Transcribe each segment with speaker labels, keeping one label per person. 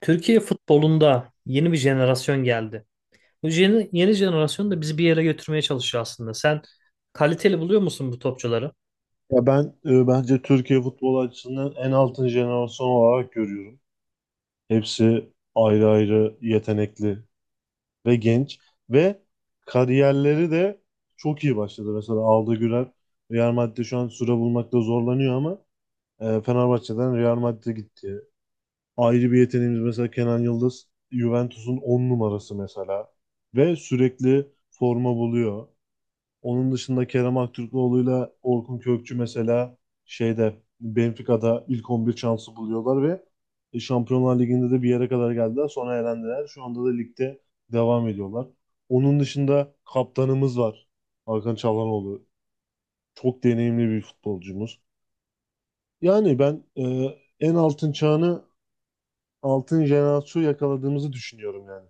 Speaker 1: Türkiye futbolunda yeni bir jenerasyon geldi. Bu yeni jenerasyon da bizi bir yere götürmeye çalışıyor aslında. Sen kaliteli buluyor musun bu topçuları?
Speaker 2: Ya bence Türkiye futbol açısından en altın jenerasyon olarak görüyorum. Hepsi ayrı ayrı yetenekli ve genç ve kariyerleri de çok iyi başladı. Mesela Arda Güler Real Madrid'de şu an süre bulmakta zorlanıyor ama Fenerbahçe'den Real Madrid'e gitti. Ayrı bir yeteneğimiz mesela Kenan Yıldız Juventus'un 10 numarası mesela ve sürekli forma buluyor. Onun dışında Kerem Aktürkoğlu'yla Orkun Kökçü mesela şeyde Benfica'da ilk 11 şansı buluyorlar ve Şampiyonlar Ligi'nde de bir yere kadar geldiler. Sonra elendiler. Şu anda da ligde devam ediyorlar. Onun dışında kaptanımız var. Hakan Çalhanoğlu. Çok deneyimli bir futbolcumuz. Yani en altın çağını altın jenerasyon yakaladığımızı düşünüyorum, yani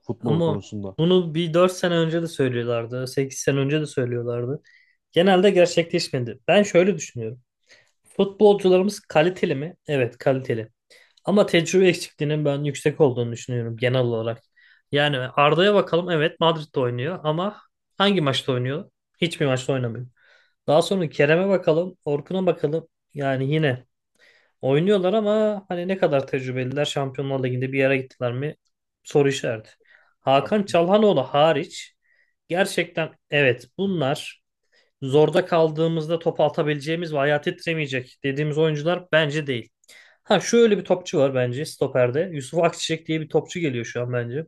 Speaker 2: futbol
Speaker 1: Ama
Speaker 2: konusunda.
Speaker 1: bunu bir 4 sene önce de söylüyorlardı, 8 sene önce de söylüyorlardı. Genelde gerçekleşmedi. Ben şöyle düşünüyorum. Futbolcularımız kaliteli mi? Evet, kaliteli. Ama tecrübe eksikliğinin ben yüksek olduğunu düşünüyorum genel olarak. Yani Arda'ya bakalım. Evet, Madrid'de oynuyor ama hangi maçta oynuyor? Hiçbir maçta oynamıyor. Daha sonra Kerem'e bakalım, Orkun'a bakalım. Yani yine oynuyorlar ama hani ne kadar tecrübeliler, Şampiyonlar Ligi'nde bir yere gittiler mi? Soru işareti.
Speaker 2: Ya,
Speaker 1: Hakan Çalhanoğlu hariç gerçekten, evet, bunlar zorda kaldığımızda top atabileceğimiz ve ayağı titremeyecek dediğimiz oyuncular bence değil. Ha, şöyle bir topçu var bence stoperde. Yusuf Akçiçek diye bir topçu geliyor şu an bence.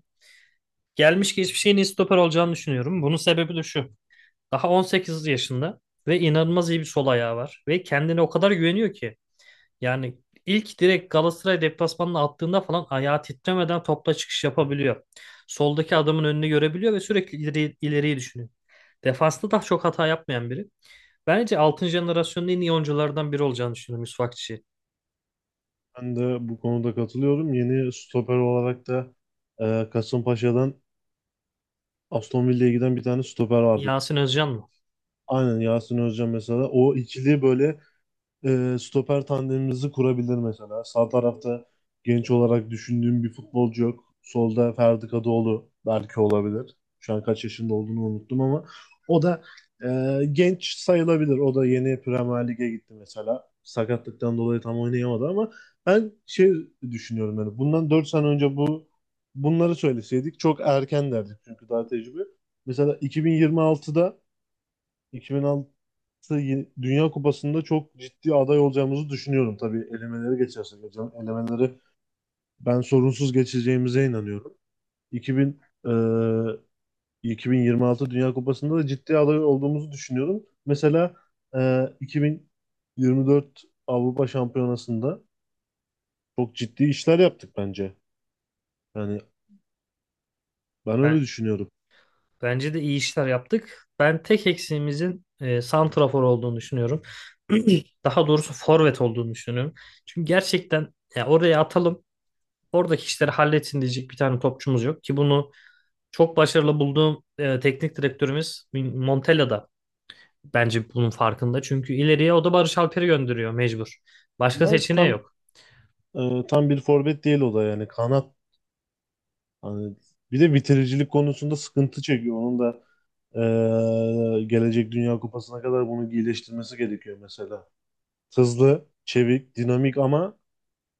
Speaker 1: Gelmiş geçmiş en iyi stoper olacağını düşünüyorum. Bunun sebebi de şu. Daha 18 yaşında ve inanılmaz iyi bir sol ayağı var. Ve kendine o kadar güveniyor ki. Yani ilk direkt Galatasaray deplasmanına attığında falan ayağı titremeden topla çıkış yapabiliyor. Soldaki adamın önünü görebiliyor ve sürekli ileri, ileriyi düşünüyor. Defansta daha çok hata yapmayan biri. Bence 6. jenerasyonun en iyi oyunculardan biri olacağını düşünüyorum, Yusuf Akçi.
Speaker 2: ben de bu konuda katılıyorum. Yeni stoper olarak da Kasımpaşa'dan Aston Villa'ya giden bir tane stoper vardı.
Speaker 1: Yasin Özcan mı?
Speaker 2: Aynen Yasin Özcan mesela. O ikili böyle stoper tandemimizi kurabilir mesela. Sağ tarafta genç olarak düşündüğüm bir futbolcu yok. Solda Ferdi Kadıoğlu belki olabilir. Şu an kaç yaşında olduğunu unuttum ama o da genç sayılabilir. O da yeni Premier Lig'e gitti mesela. Sakatlıktan dolayı tam oynayamadı ama ben şey düşünüyorum, yani bundan 4 sene önce bunları söyleseydik çok erken derdik çünkü daha tecrübe. Mesela 2026'da 2006 Dünya Kupası'nda çok ciddi aday olacağımızı düşünüyorum, tabii elemeleri geçersek hocam. Elemeleri ben sorunsuz geçeceğimize inanıyorum. 2000. eee, 2026 Dünya Kupası'nda da ciddi aday olduğumuzu düşünüyorum. Mesela 2024 Avrupa Şampiyonası'nda çok ciddi işler yaptık bence. Yani ben öyle
Speaker 1: Ben
Speaker 2: düşünüyorum.
Speaker 1: Bence de iyi işler yaptık. Ben tek eksiğimizin santrafor olduğunu düşünüyorum. Daha doğrusu forvet olduğunu düşünüyorum. Çünkü gerçekten ya oraya atalım, oradaki işleri halletsin diyecek bir tane topçumuz yok ki, bunu çok başarılı bulduğum teknik direktörümüz Montella da bence bunun farkında. Çünkü ileriye o da Barış Alper'i gönderiyor mecbur. Başka
Speaker 2: Ama
Speaker 1: seçeneği yok.
Speaker 2: tam bir forvet değil o da, yani kanat. Hani bir de bitiricilik konusunda sıkıntı çekiyor. Onun da gelecek Dünya Kupası'na kadar bunu iyileştirmesi gerekiyor mesela. Hızlı, çevik, dinamik ama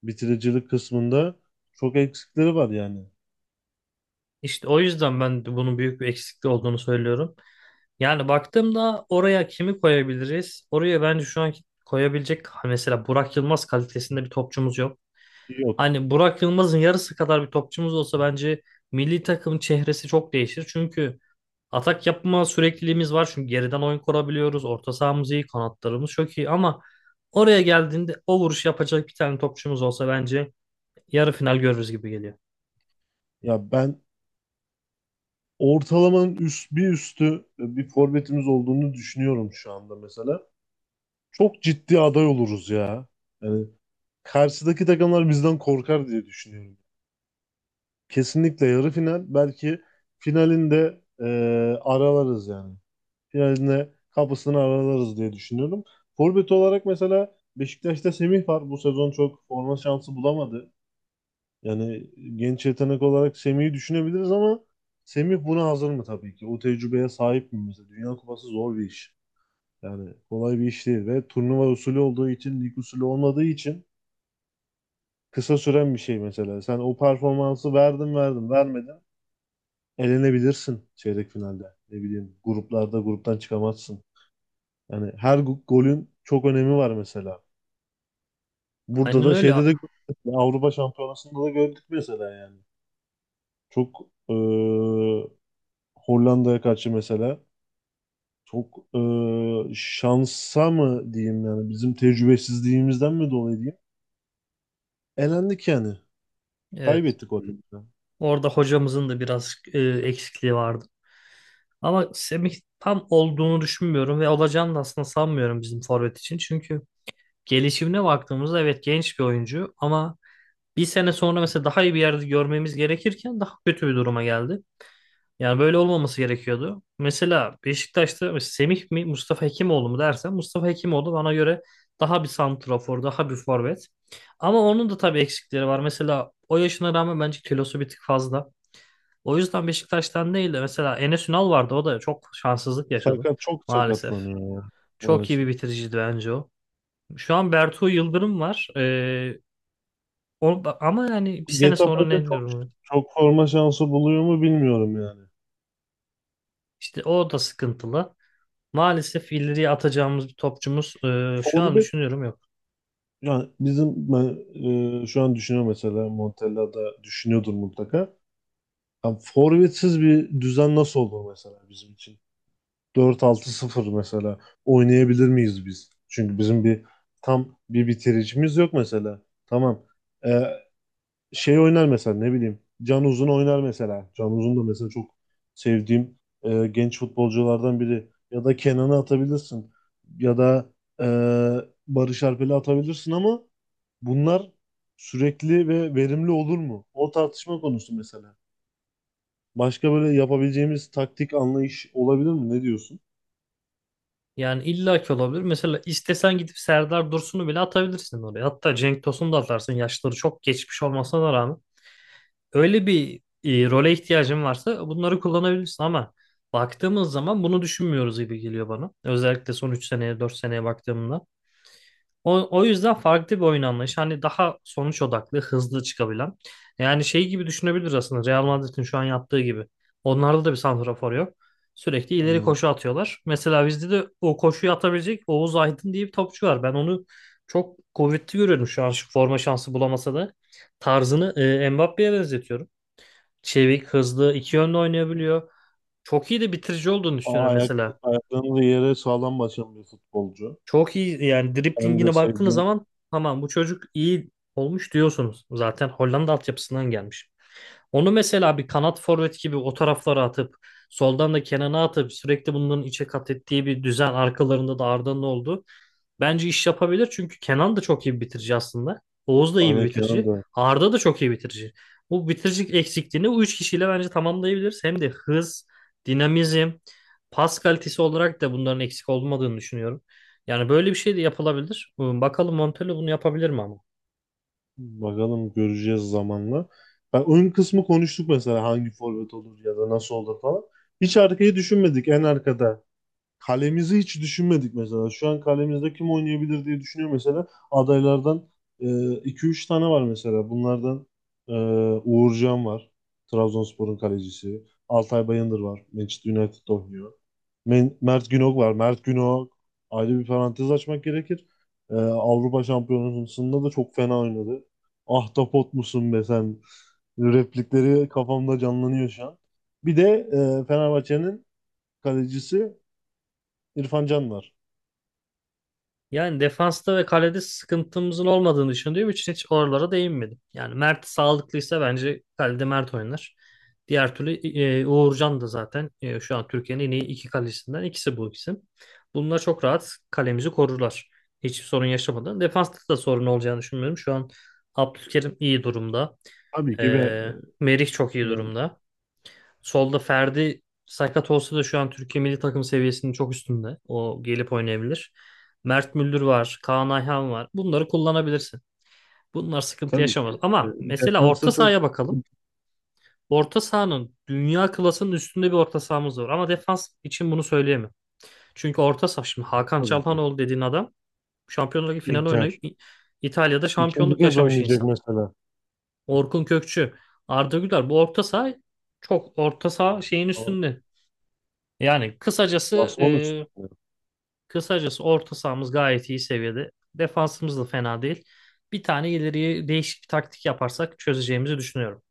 Speaker 2: bitiricilik kısmında çok eksikleri var yani.
Speaker 1: İşte o yüzden ben de bunun büyük bir eksikliği olduğunu söylüyorum. Yani baktığımda oraya kimi koyabiliriz? Oraya bence şu an koyabilecek mesela Burak Yılmaz kalitesinde bir topçumuz yok.
Speaker 2: Yok.
Speaker 1: Hani Burak Yılmaz'ın yarısı kadar bir topçumuz olsa bence milli takım çehresi çok değişir. Çünkü atak yapma sürekliliğimiz var. Çünkü geriden oyun kurabiliyoruz. Orta sahamız iyi, kanatlarımız çok iyi ama oraya geldiğinde o vuruş yapacak bir tane topçumuz olsa bence yarı final görürüz gibi geliyor.
Speaker 2: Ya ben ortalamanın bir üstü bir forvetimiz olduğunu düşünüyorum şu anda mesela. Çok ciddi aday oluruz ya. Yani karşıdaki takımlar bizden korkar diye düşünüyorum. Kesinlikle yarı final. Belki finalinde aralarız yani. Finalinde kapısını aralarız diye düşünüyorum. Forvet olarak mesela Beşiktaş'ta Semih var. Bu sezon çok forma şansı bulamadı. Yani genç yetenek olarak Semih'i düşünebiliriz ama Semih buna hazır mı tabii ki? O tecrübeye sahip mi mesela? Dünya Kupası zor bir iş. Yani kolay bir iş değil ve turnuva usulü olduğu için, lig usulü olmadığı için kısa süren bir şey mesela. Sen o performansı verdin vermedin, elenebilirsin çeyrek finalde. Ne bileyim, gruplarda gruptan çıkamazsın. Yani her golün çok önemi var mesela. Burada
Speaker 1: Aynen
Speaker 2: da
Speaker 1: öyle.
Speaker 2: şeyde de gördük. Avrupa Şampiyonası'nda da gördük mesela, yani. Çok Hollanda'ya karşı mesela çok şansa mı diyeyim, yani bizim tecrübesizliğimizden mi dolayı diyeyim. Elendik yani.
Speaker 1: Evet.
Speaker 2: Kaybettik Hollanda'da.
Speaker 1: Orada hocamızın da biraz eksikliği vardı. Ama Semih tam olduğunu düşünmüyorum ve olacağını da aslında sanmıyorum bizim forvet için. Çünkü gelişimine baktığımızda evet genç bir oyuncu ama bir sene sonra mesela daha iyi bir yerde görmemiz gerekirken daha kötü bir duruma geldi. Yani böyle olmaması gerekiyordu. Mesela Beşiktaş'ta mesela Semih mi Mustafa Hekimoğlu mu dersen, Mustafa Hekimoğlu bana göre daha bir santrafor, daha bir forvet. Ama onun da tabii eksikleri var. Mesela o yaşına rağmen bence kilosu bir tık fazla. O yüzden Beşiktaş'tan değil de mesela Enes Ünal vardı. O da çok şanssızlık yaşadı
Speaker 2: Çok
Speaker 1: maalesef.
Speaker 2: sakatlanıyor ya,
Speaker 1: Çok iyi bir
Speaker 2: maalesef.
Speaker 1: bitiriciydi bence o. Şu an Bertu Yıldırım var. O, ama yani bir sene
Speaker 2: Getafe
Speaker 1: sonra ne
Speaker 2: çok
Speaker 1: durumu?
Speaker 2: çok forma şansı buluyor mu, bilmiyorum yani.
Speaker 1: İşte o da sıkıntılı. Maalesef ileriye atacağımız bir topçumuz şu an
Speaker 2: Forvet,
Speaker 1: düşünüyorum yok.
Speaker 2: yani bizim ben, şu an düşünüyorum, mesela Montella da düşünüyordur mutlaka. Yani forvetsiz bir düzen nasıl olur mesela bizim için? Dört altı sıfır mesela oynayabilir miyiz biz? Çünkü bizim tam bir bitiricimiz yok mesela. Tamam. E, Şey oynar mesela, ne bileyim. Can Uzun oynar mesela. Can Uzun da mesela çok sevdiğim genç futbolculardan biri. Ya da Kenan'ı atabilirsin. Ya da e, Barış Alper'i atabilirsin ama bunlar sürekli ve verimli olur mu? O tartışma konusu mesela. Başka böyle yapabileceğimiz taktik anlayış olabilir mi? Ne diyorsun?
Speaker 1: Yani illaki olabilir. Mesela istesen gidip Serdar Dursun'u bile atabilirsin oraya. Hatta Cenk Tosun'u da atarsın. Yaşları çok geçmiş olmasına rağmen. Öyle bir role ihtiyacın varsa bunları kullanabilirsin ama baktığımız zaman bunu düşünmüyoruz gibi geliyor bana. Özellikle son 3 seneye, 4 seneye baktığımda. O yüzden farklı bir oyun anlayışı. Hani daha sonuç odaklı, hızlı çıkabilen. Yani şey gibi düşünebiliriz aslında. Real Madrid'in şu an yaptığı gibi. Onlarda da bir santrafor yok. Sürekli ileri
Speaker 2: Aynen.
Speaker 1: koşu atıyorlar. Mesela bizde de o koşuyu atabilecek Oğuz Aydın diye bir topçu var. Ben onu çok kuvvetli görüyorum şu an, şu forma şansı bulamasa da tarzını Mbappe'ye benzetiyorum. Çevik, hızlı, iki yönlü oynayabiliyor. Çok iyi de bitirici olduğunu
Speaker 2: Aa,
Speaker 1: düşünüyorum mesela.
Speaker 2: ayaklarını da yere sağlam basan bir futbolcu.
Speaker 1: Çok iyi yani,
Speaker 2: Ben de
Speaker 1: driblingine baktığınız
Speaker 2: sevdiğim.
Speaker 1: zaman tamam bu çocuk iyi olmuş diyorsunuz. Zaten Hollanda altyapısından gelmiş. Onu mesela bir kanat forvet gibi o taraflara atıp, soldan da Kenan'a atıp sürekli bunların içe kat ettiği bir düzen, arkalarında da Arda'nın oldu. Bence iş yapabilir çünkü Kenan da çok iyi bir bitirici aslında. Oğuz da iyi bir
Speaker 2: Aynen, Kenan
Speaker 1: bitirici.
Speaker 2: da.
Speaker 1: Arda da çok iyi bitirici. Bu bitiricilik eksikliğini bu üç kişiyle bence tamamlayabiliriz. Hem de hız, dinamizm, pas kalitesi olarak da bunların eksik olmadığını düşünüyorum. Yani böyle bir şey de yapılabilir. Bakalım Montella bunu yapabilir mi ama?
Speaker 2: Bakalım, göreceğiz zamanla. Ben ön kısmı konuştuk mesela, hangi forvet olur ya da nasıl olur falan. Hiç arkayı düşünmedik, en arkada. Kalemizi hiç düşünmedik mesela. Şu an kalemizde kim oynayabilir diye düşünüyor mesela. Adaylardan iki üç tane var mesela. Bunlardan e, Uğurcan var. Trabzonspor'un kalecisi. Altay Bayındır var. Manchester United oynuyor. Mert Günok var. Mert Günok ayrı bir parantez açmak gerekir. Avrupa Şampiyonası'nda da çok fena oynadı. Ahtapot musun be sen? Replikleri kafamda canlanıyor şu an. Bir de Fenerbahçe'nin kalecisi İrfan Can var.
Speaker 1: Yani defansta ve kalede sıkıntımızın olmadığını düşündüğüm için hiç oralara değinmedim. Yani Mert sağlıklıysa bence kalede Mert oynar. Diğer türlü Uğurcan da zaten, şu an Türkiye'nin en iyi iki kalecisinden ikisi bu ikisi. Bunlar çok rahat kalemizi korurlar. Hiçbir sorun yaşamadan. Defansta da sorun olacağını düşünmüyorum. Şu an Abdülkerim iyi durumda.
Speaker 2: Tabii ki ve
Speaker 1: E, Merih çok iyi
Speaker 2: yani
Speaker 1: durumda. Solda Ferdi sakat olsa da şu an Türkiye milli takım seviyesinin çok üstünde. O gelip oynayabilir. Mert Müldür var, Kaan Ayhan var. Bunları kullanabilirsin. Bunlar sıkıntı
Speaker 2: tabii ki.
Speaker 1: yaşamaz. Ama mesela
Speaker 2: Defansta
Speaker 1: orta
Speaker 2: çok
Speaker 1: sahaya bakalım.
Speaker 2: sıkıntı,
Speaker 1: Orta sahanın dünya klasının üstünde bir orta sahamız var. Ama defans için bunu söyleyemem. Çünkü orta saha, şimdi Hakan
Speaker 2: tabii ki.
Speaker 1: Çalhanoğlu dediğin adam Şampiyonlar Ligi finali
Speaker 2: Inter.
Speaker 1: oynayıp İtalya'da
Speaker 2: İkinci
Speaker 1: şampiyonluk
Speaker 2: kez
Speaker 1: yaşamış
Speaker 2: oynayacak
Speaker 1: insan.
Speaker 2: mesela.
Speaker 1: Orkun Kökçü, Arda Güler, bu orta saha çok orta saha şeyin üstünde. Yani kısacası e,
Speaker 2: Basman üstüne.
Speaker 1: kısacası orta sahamız gayet iyi seviyede. Defansımız da fena değil. Bir tane ileriye değişik bir taktik yaparsak çözeceğimizi düşünüyorum.